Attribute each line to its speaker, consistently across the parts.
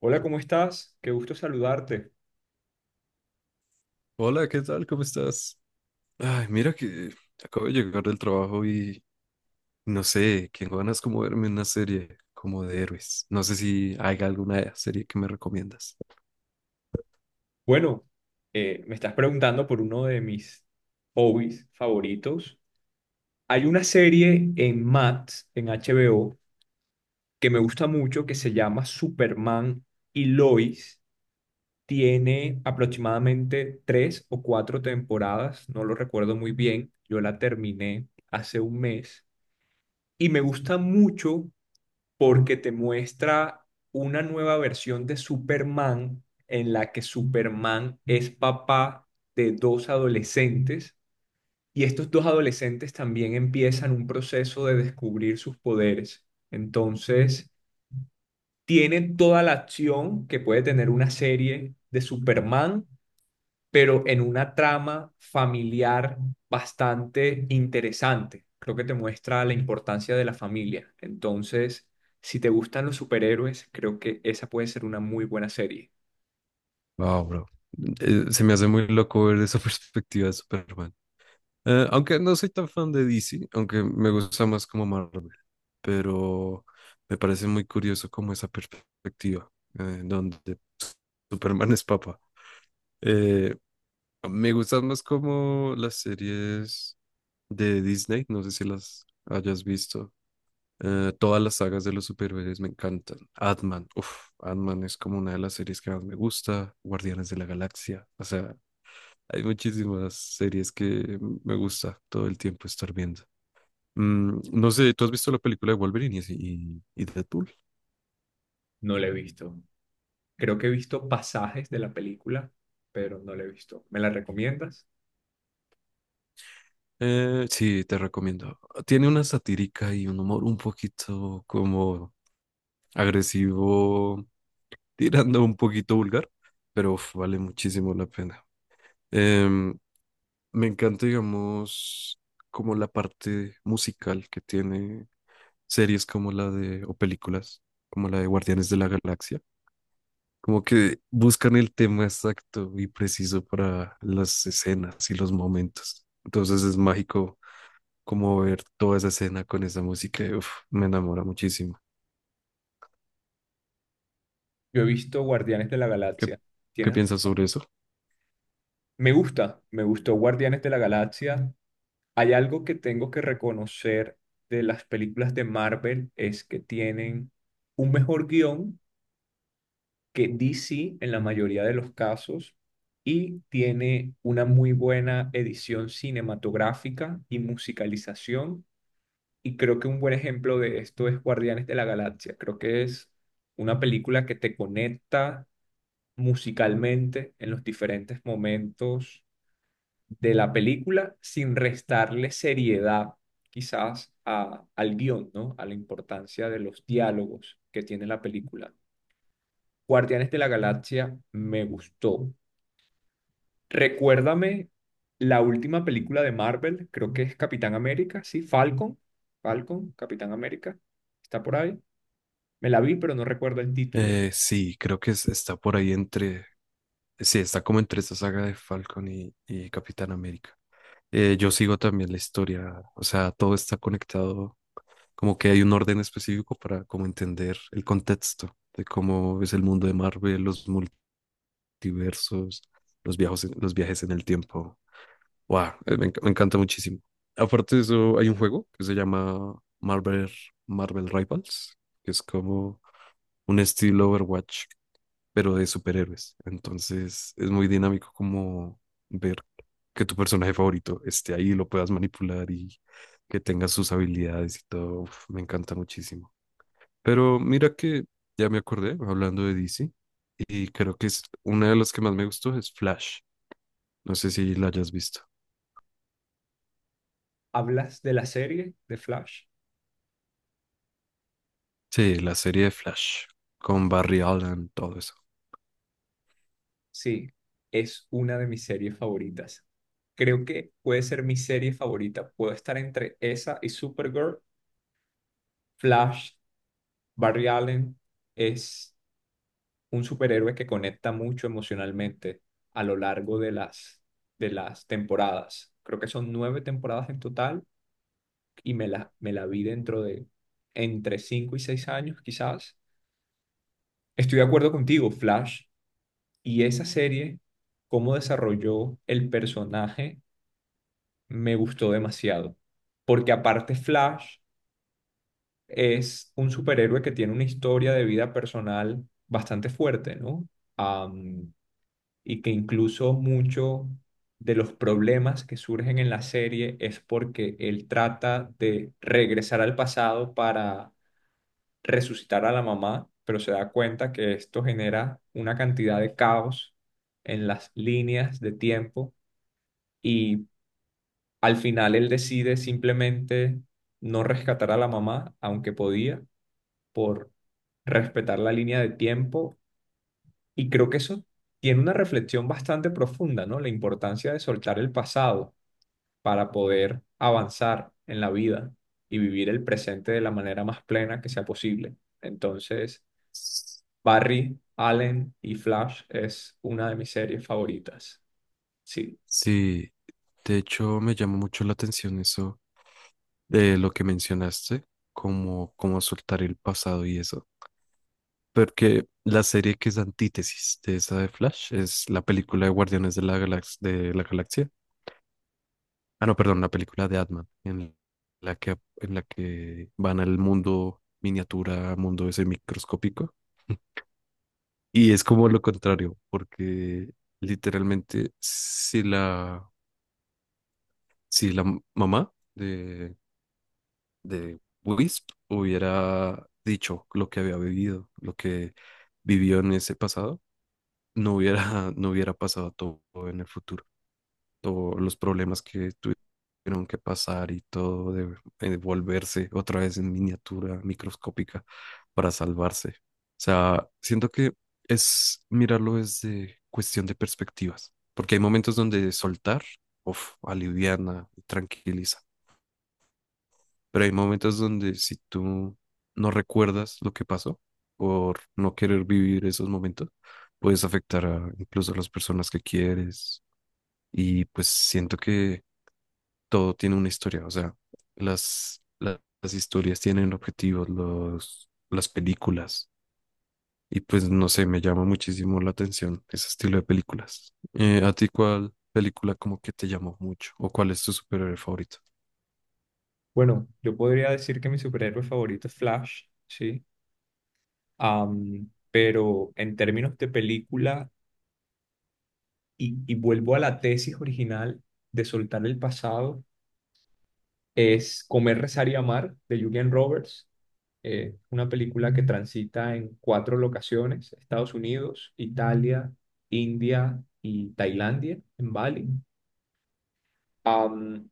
Speaker 1: Hola, ¿cómo estás? Qué gusto saludarte.
Speaker 2: Hola, ¿qué tal? ¿Cómo estás? Ay, mira que acabo de llegar del trabajo y no sé, qué ganas como verme una serie como de héroes. No sé si hay alguna serie que me recomiendas.
Speaker 1: Bueno, me estás preguntando por uno de mis hobbies favoritos. Hay una serie en Max, en HBO, que me gusta mucho, que se llama Superman y Lois. Tiene aproximadamente tres o cuatro temporadas, no lo recuerdo muy bien. Yo la terminé hace un mes y me gusta mucho porque te muestra una nueva versión de Superman en la que Superman es papá de dos adolescentes y estos dos adolescentes también empiezan un proceso de descubrir sus poderes. Entonces, tiene toda la acción que puede tener una serie de Superman pero en una trama familiar bastante interesante. Creo que te muestra la importancia de la familia. Entonces, si te gustan los superhéroes, creo que esa puede ser una muy buena serie.
Speaker 2: Wow, bro. Se me hace muy loco ver esa perspectiva de Superman. Aunque no soy tan fan de DC, aunque me gusta más como Marvel, pero me parece muy curioso como esa perspectiva donde Superman es papa. Eh, Me gustan más como las series de Disney, no sé si las hayas visto. Todas las sagas de los superhéroes me encantan. Ant-Man, uff, Ant-Man es como una de las series que más me gusta. Guardianes de la Galaxia, o sea, hay muchísimas series que me gusta todo el tiempo estar viendo. Mm, no sé, ¿tú has visto la película de Wolverine y Deadpool?
Speaker 1: No la he visto. Creo que he visto pasajes de la película, pero no la he visto. ¿Me la recomiendas?
Speaker 2: Sí, te recomiendo. Tiene una satírica y un humor un poquito como agresivo, tirando un poquito vulgar, pero uf, vale muchísimo la pena. Em, Me encanta, digamos, como la parte musical que tiene series como la de, o películas, como la de Guardianes de la Galaxia. Como que buscan el tema exacto y preciso para las escenas y los momentos. Entonces es mágico como ver toda esa escena con esa música. Y uf, me enamora muchísimo.
Speaker 1: Yo he visto Guardianes de la
Speaker 2: ¿Qué,
Speaker 1: Galaxia.
Speaker 2: ¿qué
Speaker 1: ¿Tienes?
Speaker 2: piensas sobre eso?
Speaker 1: Me gusta, me gustó Guardianes de la Galaxia. Hay algo que tengo que reconocer de las películas de Marvel es que tienen un mejor guión que DC en la mayoría de los casos y tiene una muy buena edición cinematográfica y musicalización. Y creo que un buen ejemplo de esto es Guardianes de la Galaxia. Creo que es una película que te conecta musicalmente en los diferentes momentos de la película sin restarle seriedad quizás al guión, ¿no? A la importancia de los diálogos que tiene la película. Guardianes de la Galaxia me gustó. Recuérdame la última película de Marvel, creo que es Capitán América, ¿sí? Falcon, Capitán América, está por ahí. Me la vi, pero no recuerdo el título.
Speaker 2: Sí, creo que está por ahí entre, sí, está como entre esa saga de Falcon y Capitán América. Yo sigo también la historia, o sea, todo está conectado, como que hay un orden específico para como entender el contexto de cómo es el mundo de Marvel, los multiversos, los viajes en el tiempo. Wow, me encanta muchísimo. Aparte de eso, hay un juego que se llama Marvel Rivals, que es como un estilo Overwatch pero de superhéroes. Entonces es muy dinámico como ver que tu personaje favorito esté ahí, lo puedas manipular y que tenga sus habilidades y todo. Uf, me encanta muchísimo. Pero mira que ya me acordé hablando de DC y creo que es una de las que más me gustó es Flash. No sé si la hayas visto.
Speaker 1: ¿Hablas de la serie de Flash?
Speaker 2: Sí, la serie de Flash con Barry Allen, todo eso.
Speaker 1: Sí, es una de mis series favoritas. Creo que puede ser mi serie favorita. Puedo estar entre esa y Supergirl, Flash, Barry Allen. Es un superhéroe que conecta mucho emocionalmente a lo largo de las temporadas. Creo que son nueve temporadas en total y me la vi dentro de entre cinco y seis años, quizás. Estoy de acuerdo contigo, Flash. Y esa serie, cómo desarrolló el personaje me gustó demasiado. Porque aparte Flash es un superhéroe que tiene una historia de vida personal bastante fuerte, ¿no? Am, y que incluso mucho de los problemas que surgen en la serie es porque él trata de regresar al pasado para resucitar a la mamá, pero se da cuenta que esto genera una cantidad de caos en las líneas de tiempo y al final él decide simplemente no rescatar a la mamá, aunque podía, por respetar la línea de tiempo. Y creo que eso tiene una reflexión bastante profunda, ¿no? La importancia de soltar el pasado para poder avanzar en la vida y vivir el presente de la manera más plena que sea posible. Entonces, Barry, Allen y Flash es una de mis series favoritas. Sí.
Speaker 2: Sí, de hecho me llamó mucho la atención eso de lo que mencionaste, como soltar el pasado y eso. Porque la serie que es antítesis de esa de Flash es la película de Guardianes de la Galax- de la Galaxia. Ah, no, perdón, la película de Ant-Man, en en la que van al mundo miniatura, mundo ese microscópico. Y es como lo contrario, porque literalmente si la mamá de Wisp hubiera dicho lo que había vivido, lo que vivió en ese pasado, no hubiera pasado todo en el futuro. Todos los problemas que tuvieron que pasar y todo de volverse otra vez en miniatura microscópica para salvarse. O sea, siento que es mirarlo desde cuestión de perspectivas, porque hay momentos donde soltar, uf, aliviana y tranquiliza, pero hay momentos donde si tú no recuerdas lo que pasó por no querer vivir esos momentos, puedes afectar a incluso a las personas que quieres. Y pues siento que todo tiene una historia. O sea, las historias tienen objetivos, las películas. Y pues no sé, me llama muchísimo la atención ese estilo de películas. ¿A ti cuál película como que te llamó mucho? ¿O cuál es tu superhéroe favorito?
Speaker 1: Bueno, yo podría decir que mi superhéroe favorito es Flash, sí. Pero en términos de película, y vuelvo a la tesis original de soltar el pasado, es Comer, Rezar y Amar de Julian Roberts, una película que transita en cuatro locaciones, Estados Unidos, Italia, India y Tailandia, en Bali. Am,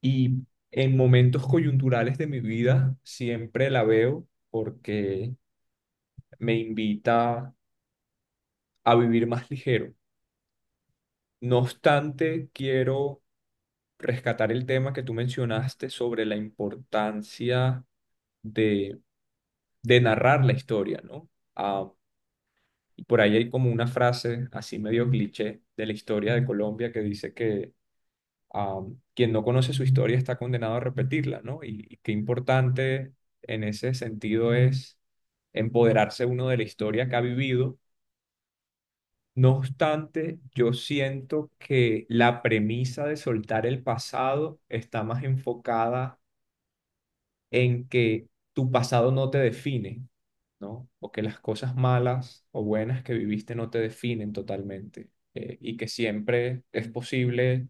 Speaker 1: y en momentos coyunturales de mi vida siempre la veo porque me invita a vivir más ligero. No obstante, quiero rescatar el tema que tú mencionaste sobre la importancia de, de narrar la historia, ¿no? Ah, y por ahí hay como una frase así medio cliché de la historia de Colombia que dice que ah, quien no conoce su historia está condenado a repetirla, ¿no? Y qué importante en ese sentido es empoderarse uno de la historia que ha vivido. No obstante, yo siento que la premisa de soltar el pasado está más enfocada en que tu pasado no te define, ¿no? O que las cosas malas o buenas que viviste no te definen totalmente, y que siempre es posible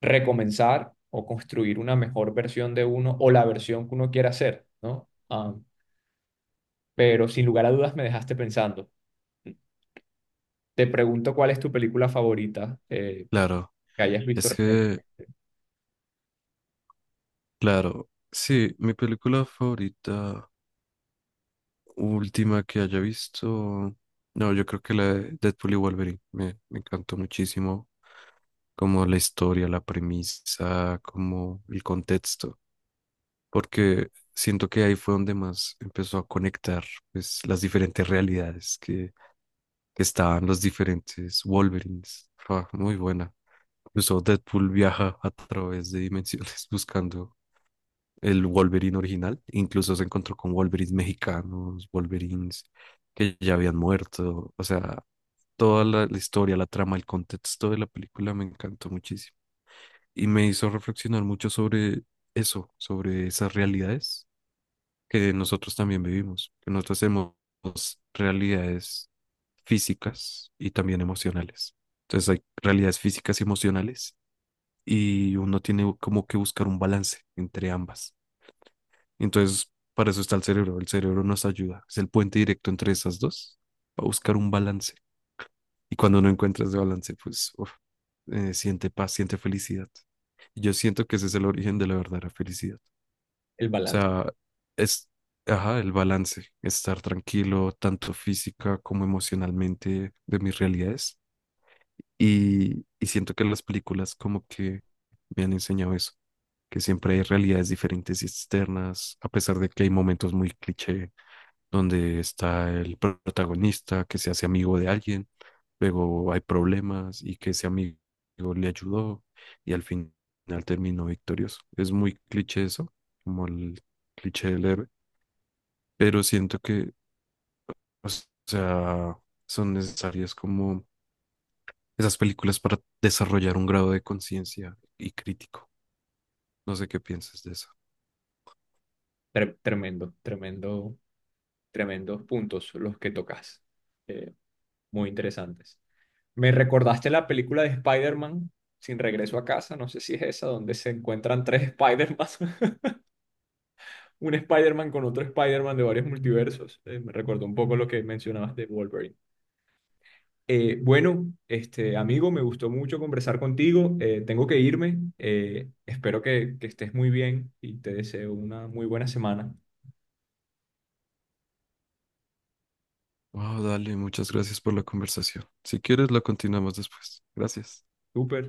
Speaker 1: recomenzar o construir una mejor versión de uno o la versión que uno quiera hacer, ¿no? Ah, pero sin lugar a dudas me dejaste pensando. Te pregunto cuál es tu película favorita,
Speaker 2: Claro,
Speaker 1: que hayas visto
Speaker 2: es
Speaker 1: recientemente.
Speaker 2: que Claro, sí, mi película favorita, última que haya visto, no, yo creo que la de Deadpool y Wolverine, me encantó muchísimo, como la historia, la premisa, como el contexto, porque siento que ahí fue donde más empezó a conectar pues, las diferentes realidades que estaban los diferentes Wolverines. Ah, muy buena. Incluso Deadpool viaja a través de dimensiones buscando el Wolverine original. Incluso se encontró con Wolverines mexicanos, Wolverines que ya habían muerto. O sea, toda la historia, la trama, el contexto de la película me encantó muchísimo. Y me hizo reflexionar mucho sobre eso, sobre esas realidades que nosotros también vivimos, que nosotros tenemos realidades físicas y también emocionales. Entonces hay realidades físicas y emocionales y uno tiene como que buscar un balance entre ambas. Entonces, para eso está el cerebro. El cerebro nos ayuda. Es el puente directo entre esas dos para buscar un balance. Y cuando no encuentras ese balance, pues uf, siente paz, siente felicidad. Y yo siento que ese es el origen de la verdadera felicidad. O
Speaker 1: El balance.
Speaker 2: sea, es, ajá, el balance, estar tranquilo, tanto física como emocionalmente de mis realidades. Y siento que las películas como que me han enseñado eso, que siempre hay realidades diferentes y externas, a pesar de que hay momentos muy cliché donde está el protagonista que se hace amigo de alguien, luego hay problemas y que ese amigo le ayudó y al final terminó victorioso. Es muy cliché eso, como el cliché del héroe, pero siento que, o sea, son necesarias como esas películas para desarrollar un grado de conciencia y crítico. No sé qué piensas de eso.
Speaker 1: Tremendo, tremendos puntos los que tocas. Eh, muy interesantes. Me recordaste la película de Spider-Man Sin Regreso a Casa, no sé si es esa, donde se encuentran tres Spider-Man, un Spider-Man con otro Spider-Man de varios multiversos. Me recordó un poco lo que mencionabas de Wolverine. Bueno, este amigo, me gustó mucho conversar contigo. Tengo que irme. Espero que estés muy bien y te deseo una muy buena semana.
Speaker 2: Oh, dale, muchas gracias por la conversación. Si quieres, la continuamos después. Gracias.
Speaker 1: Súper.